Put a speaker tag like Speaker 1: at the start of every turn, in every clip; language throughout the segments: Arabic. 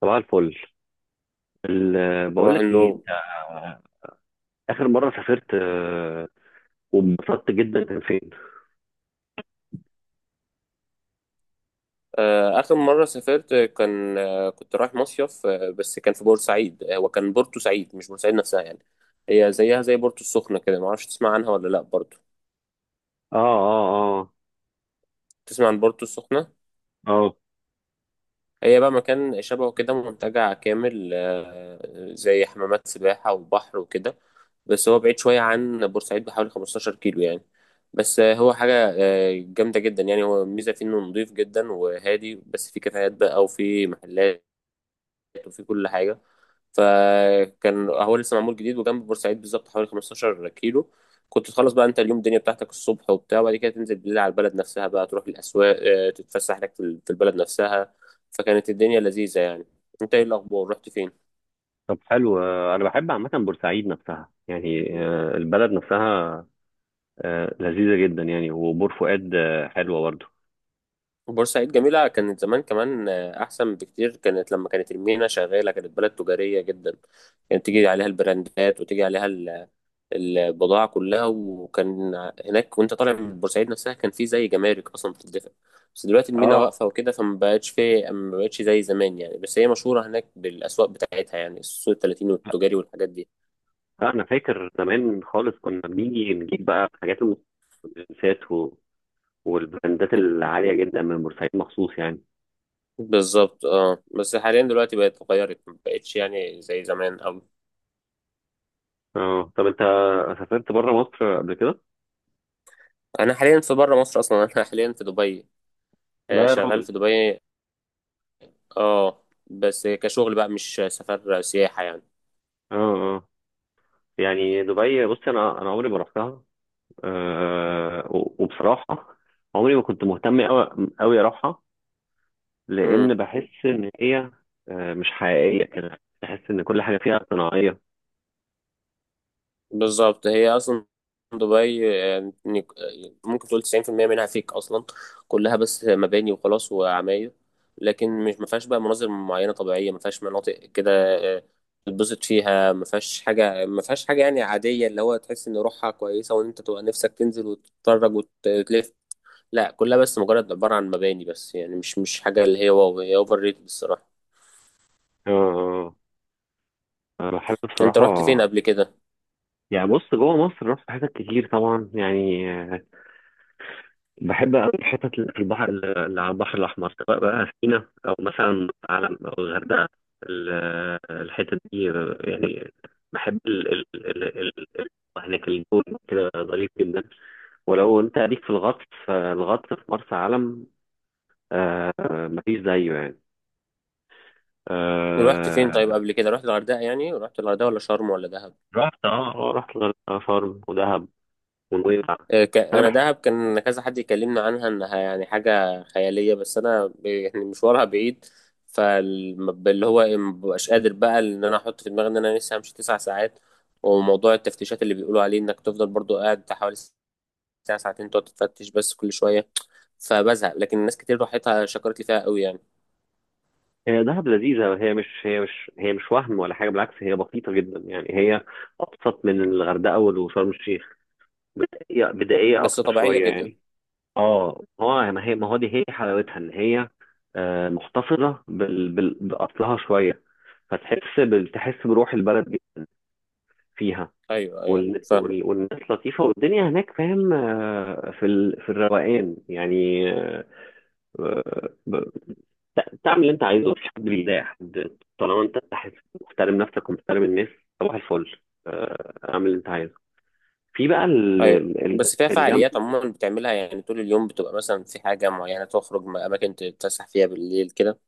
Speaker 1: صباح الفل. بقول
Speaker 2: صباح
Speaker 1: لك ايه،
Speaker 2: النور.
Speaker 1: انت اخر مره سافرت وانبسطت جدا كان فين؟
Speaker 2: آخر مرة سافرت كان، كنت رايح مصيف، بس كان في بورسعيد. وكان بورتو سعيد مش بورسعيد نفسها يعني. هي زيها زي بورتو السخنة كده، معرفش تسمع عنها ولا لأ برضو.
Speaker 1: اه، اه، اه.
Speaker 2: تسمع عن بورتو السخنة؟
Speaker 1: اه.
Speaker 2: هي بقى مكان شبهه كده، منتجع كامل، زي حمامات سباحة وبحر وكده. بس هو بعيد شوية عن بورسعيد بحوالي 15 كيلو يعني. بس آه، هو حاجة آه، جامدة جدا يعني. هو الميزة فيه إنه نضيف جدا وهادي، بس فيه كافيهات بقى وفيه محلات وفيه كل حاجة. فكان هو لسه معمول جديد، وجنب بورسعيد بالظبط حوالي 15 كيلو. كنت تخلص بقى انت اليوم الدنيا بتاعتك الصبح وبتاع، وبعد كده تنزل بالليل على البلد نفسها بقى، تروح الاسواق، تتفسح لك في البلد نفسها. فكانت الدنيا لذيذة يعني. انت ايه الاخبار، رحت فين؟
Speaker 1: طب، حلو. انا بحب عامه بورسعيد نفسها، يعني البلد نفسها لذيذه جدا، يعني وبور فؤاد حلوه برضه.
Speaker 2: بورسعيد جميلة كانت زمان كمان، احسن بكتير. كانت لما كانت المينا شغالة كانت بلد تجارية جدا، كانت تيجي عليها البراندات وتيجي عليها البضاعة كلها. وكان هناك، وانت طالع من بورسعيد نفسها، كان في زي جمارك اصلا بتدفع. بس دلوقتي المينا
Speaker 1: اه.
Speaker 2: واقفة وكده، فما بقتش في ما بقتش زي زمان يعني. بس هي مشهورة هناك بالاسواق بتاعتها، يعني السوق التلاتين والتجاري والحاجات دي.
Speaker 1: لا، انا فاكر زمان خالص، كنا بنيجي نجيب بقى حاجات المستلزمات والبراندات العاليه جدا من بورسعيد مخصوص يعني.
Speaker 2: بالظبط، اه. بس حاليا دلوقتي بقت اتغيرت، ما بقتش يعني زي زمان أوي.
Speaker 1: اه. طب انت سافرت بره مصر قبل كده؟
Speaker 2: انا حاليا في بره مصر اصلا. انا حاليا في دبي.
Speaker 1: لا يا
Speaker 2: شغال
Speaker 1: راجل!
Speaker 2: في دبي. اه. بس كشغل بقى، مش سفر سياحة.
Speaker 1: اه. يعني دبي، بص انا عمري ما رحتها. أه، وبصراحه عمري ما كنت مهتم قوي قوي اروحها،
Speaker 2: يعني
Speaker 1: لان بحس ان هي مش حقيقيه كده، بحس ان كل حاجه فيها صناعيه.
Speaker 2: بالظبط، هي اصلا دبي، ممكن تقول 90% منها فيك اصلا. كلها بس مباني وخلاص وعماير، لكن مش. ما فيهاش بقى مناظر معينه طبيعيه، ما فيهاش مناطق كده آه، تتبسط فيها. ما فيهاش حاجه يعني عاديه، اللي هو تحس ان روحها كويسه وان انت تبقى نفسك تنزل وتتفرج وتلف. لا، كلها بس مجرد عباره عن مباني بس يعني. مش حاجه اللي هي واو. هي اوفر ريتد الصراحه.
Speaker 1: أه. أنا بحب
Speaker 2: انت رحت
Speaker 1: بصراحه.
Speaker 2: فين قبل كده؟
Speaker 1: يعني بص، جوه مصر رحت حاجات كتير طبعا يعني. بحب أوي الحتت اللي في البحر، اللي على البحر الأحمر، سواء بقى سينا أو مثلا علم أو الغردقة. ال- الحتت دي يعني، بحب. هناك الجو كده ظريف جدا. ولو أنت ليك في الغطس، فالغطس في مرسى علم آه مفيش زيه يعني.
Speaker 2: ورحت فين
Speaker 1: آه
Speaker 2: طيب قبل كده، رحت الغردقه؟ يعني رحت الغردقه ولا شرم ولا دهب؟
Speaker 1: رحت، اه، رحت الغردقة، شرم، ودهب ونويبع. أنا.
Speaker 2: انا دهب كان كذا حد يكلمنا عنها انها يعني حاجه خياليه، بس انا يعني مشوارها بعيد. فاللي هو إيه، مبقاش قادر بقى ان انا احط في دماغي ان انا لسه همشي 9 ساعات. وموضوع التفتيشات اللي بيقولوا عليه انك تفضل برضو قاعد بتاع حوالي ساعه ساعتين، تقعد تتفتش بس كل شويه. فبزهق. لكن الناس كتير راحتها شكرت لي فيها قوي يعني.
Speaker 1: هي دهب لذيذة، هي مش وهم ولا حاجة، بالعكس هي بسيطة جدا يعني. هي أبسط من الغردقة وشرم الشيخ، بدائية بدائية
Speaker 2: بس
Speaker 1: أكتر
Speaker 2: طبيعيه
Speaker 1: شوية
Speaker 2: جدا.
Speaker 1: يعني. اه، هو ما هي ما هو دي هي حلاوتها، ان هي محتفظة بأصلها شوية. تحس بروح البلد دي فيها.
Speaker 2: ايوه ايوه، فاهمه.
Speaker 1: والناس لطيفة والدنيا هناك، فاهم؟ في الروقان يعني. آه، تعمل اللي انت عايزه، في حد لله يا حد، طالما انت تحس محترم نفسك ومحترم الناس. صباح الفل. اعمل اللي انت عايزه في بقى
Speaker 2: ايوه، بس فيها
Speaker 1: الجنب.
Speaker 2: فعاليات عموما بتعملها، يعني طول اليوم بتبقى مثلا في حاجه معينه، تخرج اماكن تتفسح فيها بالليل كده.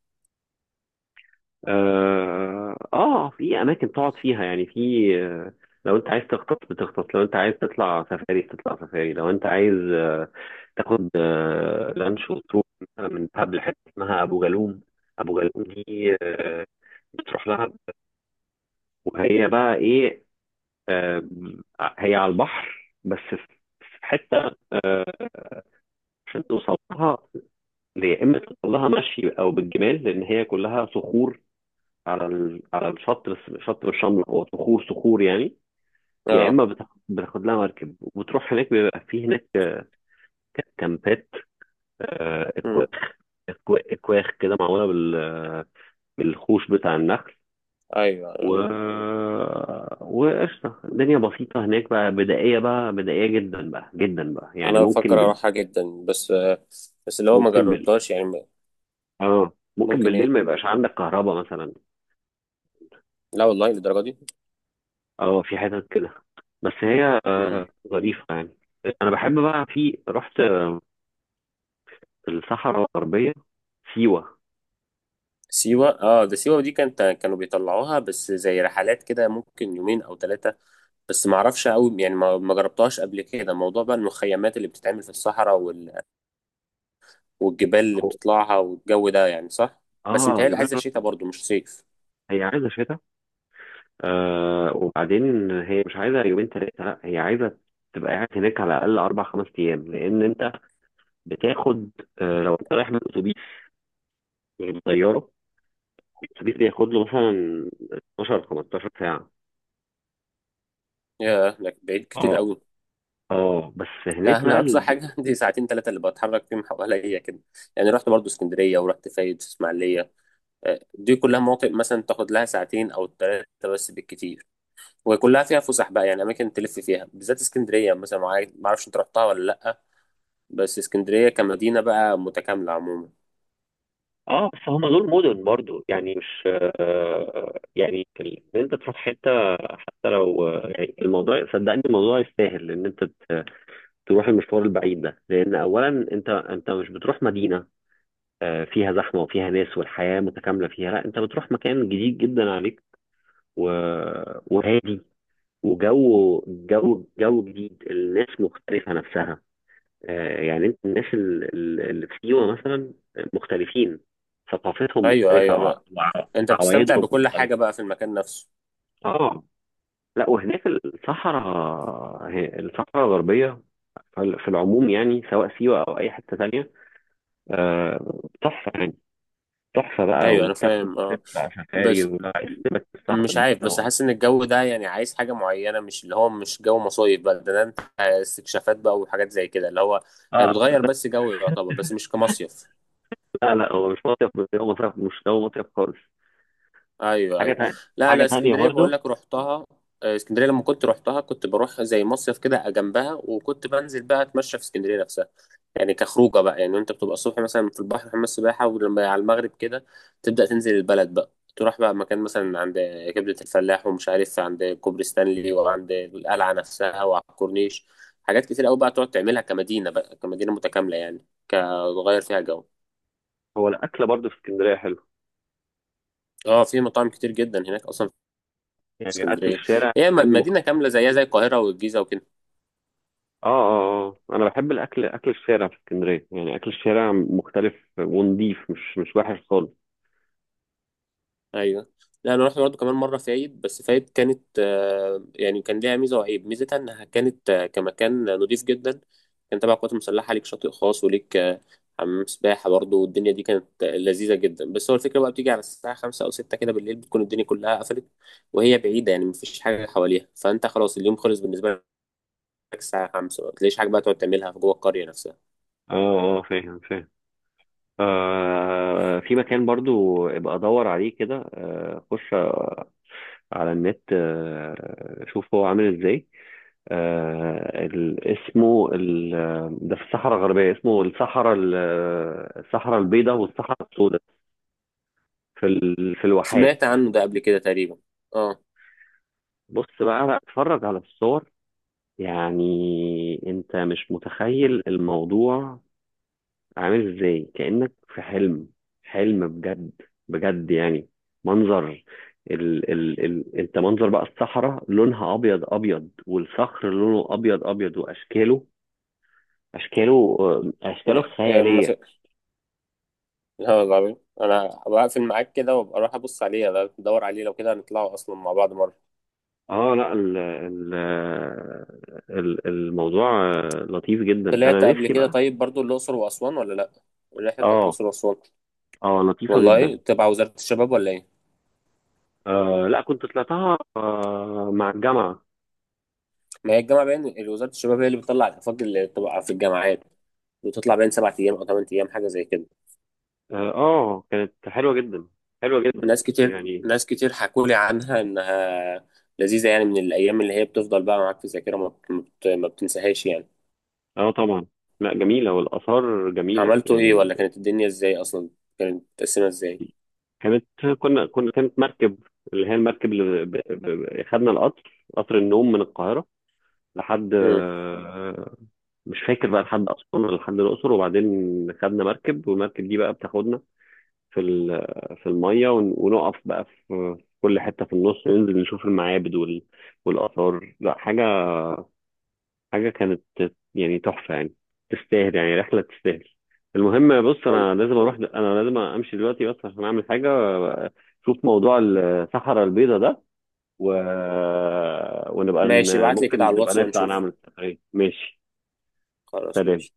Speaker 1: اه. في اماكن تقعد فيها، يعني في. لو انت عايز تخطط بتخطط، لو انت عايز تطلع سفاري بتطلع سفاري، لو انت عايز تاخد لانش وتروح مثلا من دهب لحته اسمها ابو جالوم. ابو جالوم دي بتروح لها، وهي بقى ايه؟ آم، هي على البحر، بس في حته عشان توصل لها. يا اما توصل لها مشي او بالجمال، لان هي كلها صخور على الشط، بس الشط مش شمله، هو صخور صخور يعني. يا
Speaker 2: اه.
Speaker 1: اما بتاخد لها مركب وبتروح هناك، بيبقى في هناك كامبات، اكواخ.
Speaker 2: امم
Speaker 1: اكواخ كده معموله بالخوش بتاع النخل.
Speaker 2: ايوه
Speaker 1: و
Speaker 2: ايوه،
Speaker 1: وقشطة الدنيا بسيطة هناك بقى، بدائية بقى، بدائية جدا بقى، جدا بقى يعني
Speaker 2: انا
Speaker 1: ممكن.
Speaker 2: بفكر اروحها جدا، بس بس اللي هو ما
Speaker 1: ممكن بال
Speaker 2: جربتهاش يعني.
Speaker 1: اه، ممكن
Speaker 2: ممكن
Speaker 1: بالليل
Speaker 2: ايه؟
Speaker 1: ما يبقاش عندك كهرباء مثلا.
Speaker 2: لا والله، للدرجه دي؟
Speaker 1: اه، في حتت كده، بس هي
Speaker 2: امم
Speaker 1: ظريفة يعني. انا بحب بقى، رحت الصحراء الغربية، سيوة.
Speaker 2: سيوه، اه. ده سيوه دي كانت، كانوا بيطلعوها بس زي رحلات كده، ممكن يومين او 3. بس ما اعرفش قوي يعني، ما جربتهاش قبل كده، موضوع بقى المخيمات اللي بتتعمل في الصحراء والجبال اللي
Speaker 1: هو،
Speaker 2: بتطلعها والجو ده، يعني صح؟ بس
Speaker 1: اه،
Speaker 2: متهيألي
Speaker 1: جبال،
Speaker 2: عايزه شتاء
Speaker 1: رمل.
Speaker 2: برضو مش صيف.
Speaker 1: هي عايزة شتاء. وبعدين، هي مش عايزة يومين تلاتة، لا هي عايزة تبقى قاعد هناك على الأقل أربع خمس أيام، لأن أنت بتاخد لو أنت رايح بالأتوبيس غير الطيارة. الأتوبيس بياخد له مثلا 12 15 ساعة.
Speaker 2: ياه، ده بعيد كتير
Speaker 1: اه،
Speaker 2: قوي.
Speaker 1: اه، بس
Speaker 2: لا،
Speaker 1: هناك
Speaker 2: انا
Speaker 1: بقى.
Speaker 2: اقصى حاجه عندي ساعتين ثلاثه اللي بتحرك فيهم حواليا كده يعني. رحت برضو اسكندريه ورحت فايد اسماعيليه. دي كلها مناطق مثلا تاخد لها ساعتين او 3 بس بالكتير، وكلها فيها فسح بقى يعني، اماكن تلف فيها. بالذات اسكندريه مثلا، ما اعرفش انت رحتها ولا لا. بس اسكندريه كمدينه بقى متكامله عموما.
Speaker 1: اه، بس هما دول مدن برضو يعني، مش. يعني ان انت تروح حته، حتى لو يعني الموضوع، صدقني الموضوع يستاهل ان انت تروح المشوار البعيد ده، لان اولا انت مش بتروح مدينه فيها زحمه وفيها ناس والحياه متكامله فيها، لا انت بتروح مكان جديد جدا عليك، و... وهادي، وجو جو جو جديد، الناس مختلفه نفسها. يعني انت، الناس اللي في سيوة مثلا مختلفين، ثقافتهم
Speaker 2: ايوه
Speaker 1: مختلفة،
Speaker 2: ايوه، انت بتستمتع
Speaker 1: وعوايدهم
Speaker 2: بكل حاجه
Speaker 1: مختلفة.
Speaker 2: بقى في المكان نفسه.
Speaker 1: اه. لا، وهناك الصحراء، الصحراء الغربية، في العموم يعني، سواء سيوة أو أي حتة تانية تحفة يعني، تحفة بقى،
Speaker 2: ايوه انا
Speaker 1: وتاخد
Speaker 2: فاهم، اه.
Speaker 1: تطلع سفاري
Speaker 2: بس
Speaker 1: ولا عايز تبقى في الصحراء
Speaker 2: مش
Speaker 1: دي.
Speaker 2: عارف، بس حاسس ان الجو ده يعني عايز حاجه معينه. مش اللي هو مش جو مصايف بقى، ده انت استكشافات بقى وحاجات زي كده. اللي هو
Speaker 1: اه.
Speaker 2: يعني بتغير بس جو يعتبر، بس مش كمصيف.
Speaker 1: لا، لا، هو مش مصيف، بس هو مصيف، مش، هو مصيف خالص.
Speaker 2: ايوه
Speaker 1: حاجة
Speaker 2: ايوه.
Speaker 1: تانية.
Speaker 2: لا،
Speaker 1: حاجة
Speaker 2: انا
Speaker 1: تانية
Speaker 2: اسكندريه بقول
Speaker 1: برضه.
Speaker 2: لك رحتها. اسكندريه لما كنت رحتها كنت بروح زي مصيف كده جنبها، وكنت بنزل بقى اتمشى في اسكندريه نفسها، يعني كخروجه بقى. يعني انت بتبقى الصبح مثلا في البحر حمام السباحه، ولما على المغرب كده تبدا تنزل البلد بقى، تروح بقى مكان مثلا عند كبده الفلاح، ومش عارف عند كوبري ستانلي، وعند القلعه نفسها، وعلى الكورنيش. حاجات كتير قوي بقى تقعد تعملها كمدينه بقى، كمدينه متكامله يعني، كتغير فيها جو.
Speaker 1: هو الأكل برضه في اسكندرية حلو،
Speaker 2: اه، في مطاعم كتير جدا هناك اصلا. في
Speaker 1: يعني أكل
Speaker 2: اسكندريه،
Speaker 1: الشارع
Speaker 2: هي
Speaker 1: كمان.
Speaker 2: مدينه كامله زيها زي القاهره والجيزه وكده.
Speaker 1: اه، اه، اه، انا بحب اكل الشارع في اسكندريه، يعني اكل الشارع مختلف ونضيف، مش وحش خالص.
Speaker 2: ايوه. لا انا رحت برضه كمان مره فايد. بس فايد كانت، يعني كان ليها ميزه وعيب. ميزتها انها كانت كمكان نضيف جدا. كان تبع القوات المسلحه، ليك شاطئ خاص وليك حمام سباحه برضه. والدنيا دي كانت لذيذه جدا. بس هو الفكره بقى، بتيجي على الساعه 5 او 6 كده بالليل بتكون الدنيا كلها قفلت. وهي بعيده يعني، مفيش حاجه حواليها. فانت خلاص اليوم خلص بالنسبه لك. الساعه 5 ما بتلاقيش حاجه بقى تقعد تعملها في جوه القريه نفسها.
Speaker 1: اه، اه. فاهم فاهم. في مكان برضو ابقى ادور عليه كده، خش على النت، شوف هو عامل ازاي. اسمه ال. ده في الصحراء الغربيه، اسمه الصحراء الصحراء البيضاء والصحراء السوداء، في الواحات.
Speaker 2: سمعت عنه ده قبل كده تقريبا. اه.
Speaker 1: بص بقى، لا اتفرج على الصور، يعني انت مش متخيل الموضوع عامل ازاي، كأنك في حلم. حلم بجد، بجد يعني، منظر. ال ال ال انت منظر بقى الصحراء لونها ابيض ابيض، والصخر لونه ابيض ابيض، واشكاله اشكاله اشكاله خيالية.
Speaker 2: لا، العظيم. انا بقفل معاك كده وابقى اروح ابص عليه، أنا بدور عليه. لو كده هنطلعوا اصلا مع بعض مره.
Speaker 1: اه. لا، ال ال ال الموضوع لطيف جدا،
Speaker 2: طلعت
Speaker 1: انا
Speaker 2: قبل
Speaker 1: نفسي
Speaker 2: كده
Speaker 1: بقى.
Speaker 2: طيب برضو الاقصر واسوان ولا لا؟ الرحله بتاعت
Speaker 1: اه.
Speaker 2: الاقصر واسوان،
Speaker 1: اه، لطيفة
Speaker 2: والله
Speaker 1: جدا.
Speaker 2: تبع وزاره الشباب ولا ايه؟
Speaker 1: لا، كنت طلعتها مع الجامعة.
Speaker 2: ما هي الجامعه باين وزاره الشباب هي اللي بتطلع الافاق اللي بتبقى في الجامعات، وتطلع باين 7 ايام او 8 ايام حاجه زي كده.
Speaker 1: اه. كانت حلوة جدا، حلوة جدا
Speaker 2: ناس كتير
Speaker 1: يعني.
Speaker 2: ناس كتير حكوا لي عنها انها لذيذه يعني، من الايام اللي هي بتفضل بقى معاك في الذاكره، ما بتنساهاش يعني.
Speaker 1: اه طبعا. لا، جميلة، والآثار جميلة
Speaker 2: عملتوا ايه،
Speaker 1: يعني.
Speaker 2: ولا كانت الدنيا ازاي اصلا؟ كانت متقسمه ازاي؟
Speaker 1: كانت كنا كنا كانت مركب، اللي هي المركب اللي خدنا القطر، قطر النوم، من القاهرة لحد
Speaker 2: امم
Speaker 1: مش فاكر بقى، لحد أسوان ولا لحد الأقصر، وبعدين خدنا مركب، والمركب دي بقى بتاخدنا في ال... في المية ونقف بقى في كل حتة في النص، ننزل نشوف المعابد والآثار. لا حاجة، حاجة كانت يعني تحفة يعني، تستاهل يعني، رحلة تستاهل. المهم بص، أنا لازم أمشي دلوقتي بس عشان أعمل حاجة. شوف موضوع الصحراء البيضاء ده، و... ونبقى
Speaker 2: ماشي، ابعت لي
Speaker 1: ممكن
Speaker 2: كده على
Speaker 1: نبقى
Speaker 2: الواتس
Speaker 1: نطلع
Speaker 2: ونشوف.
Speaker 1: نعمل سفرية، ماشي؟
Speaker 2: خلاص،
Speaker 1: سلام.
Speaker 2: ماشي.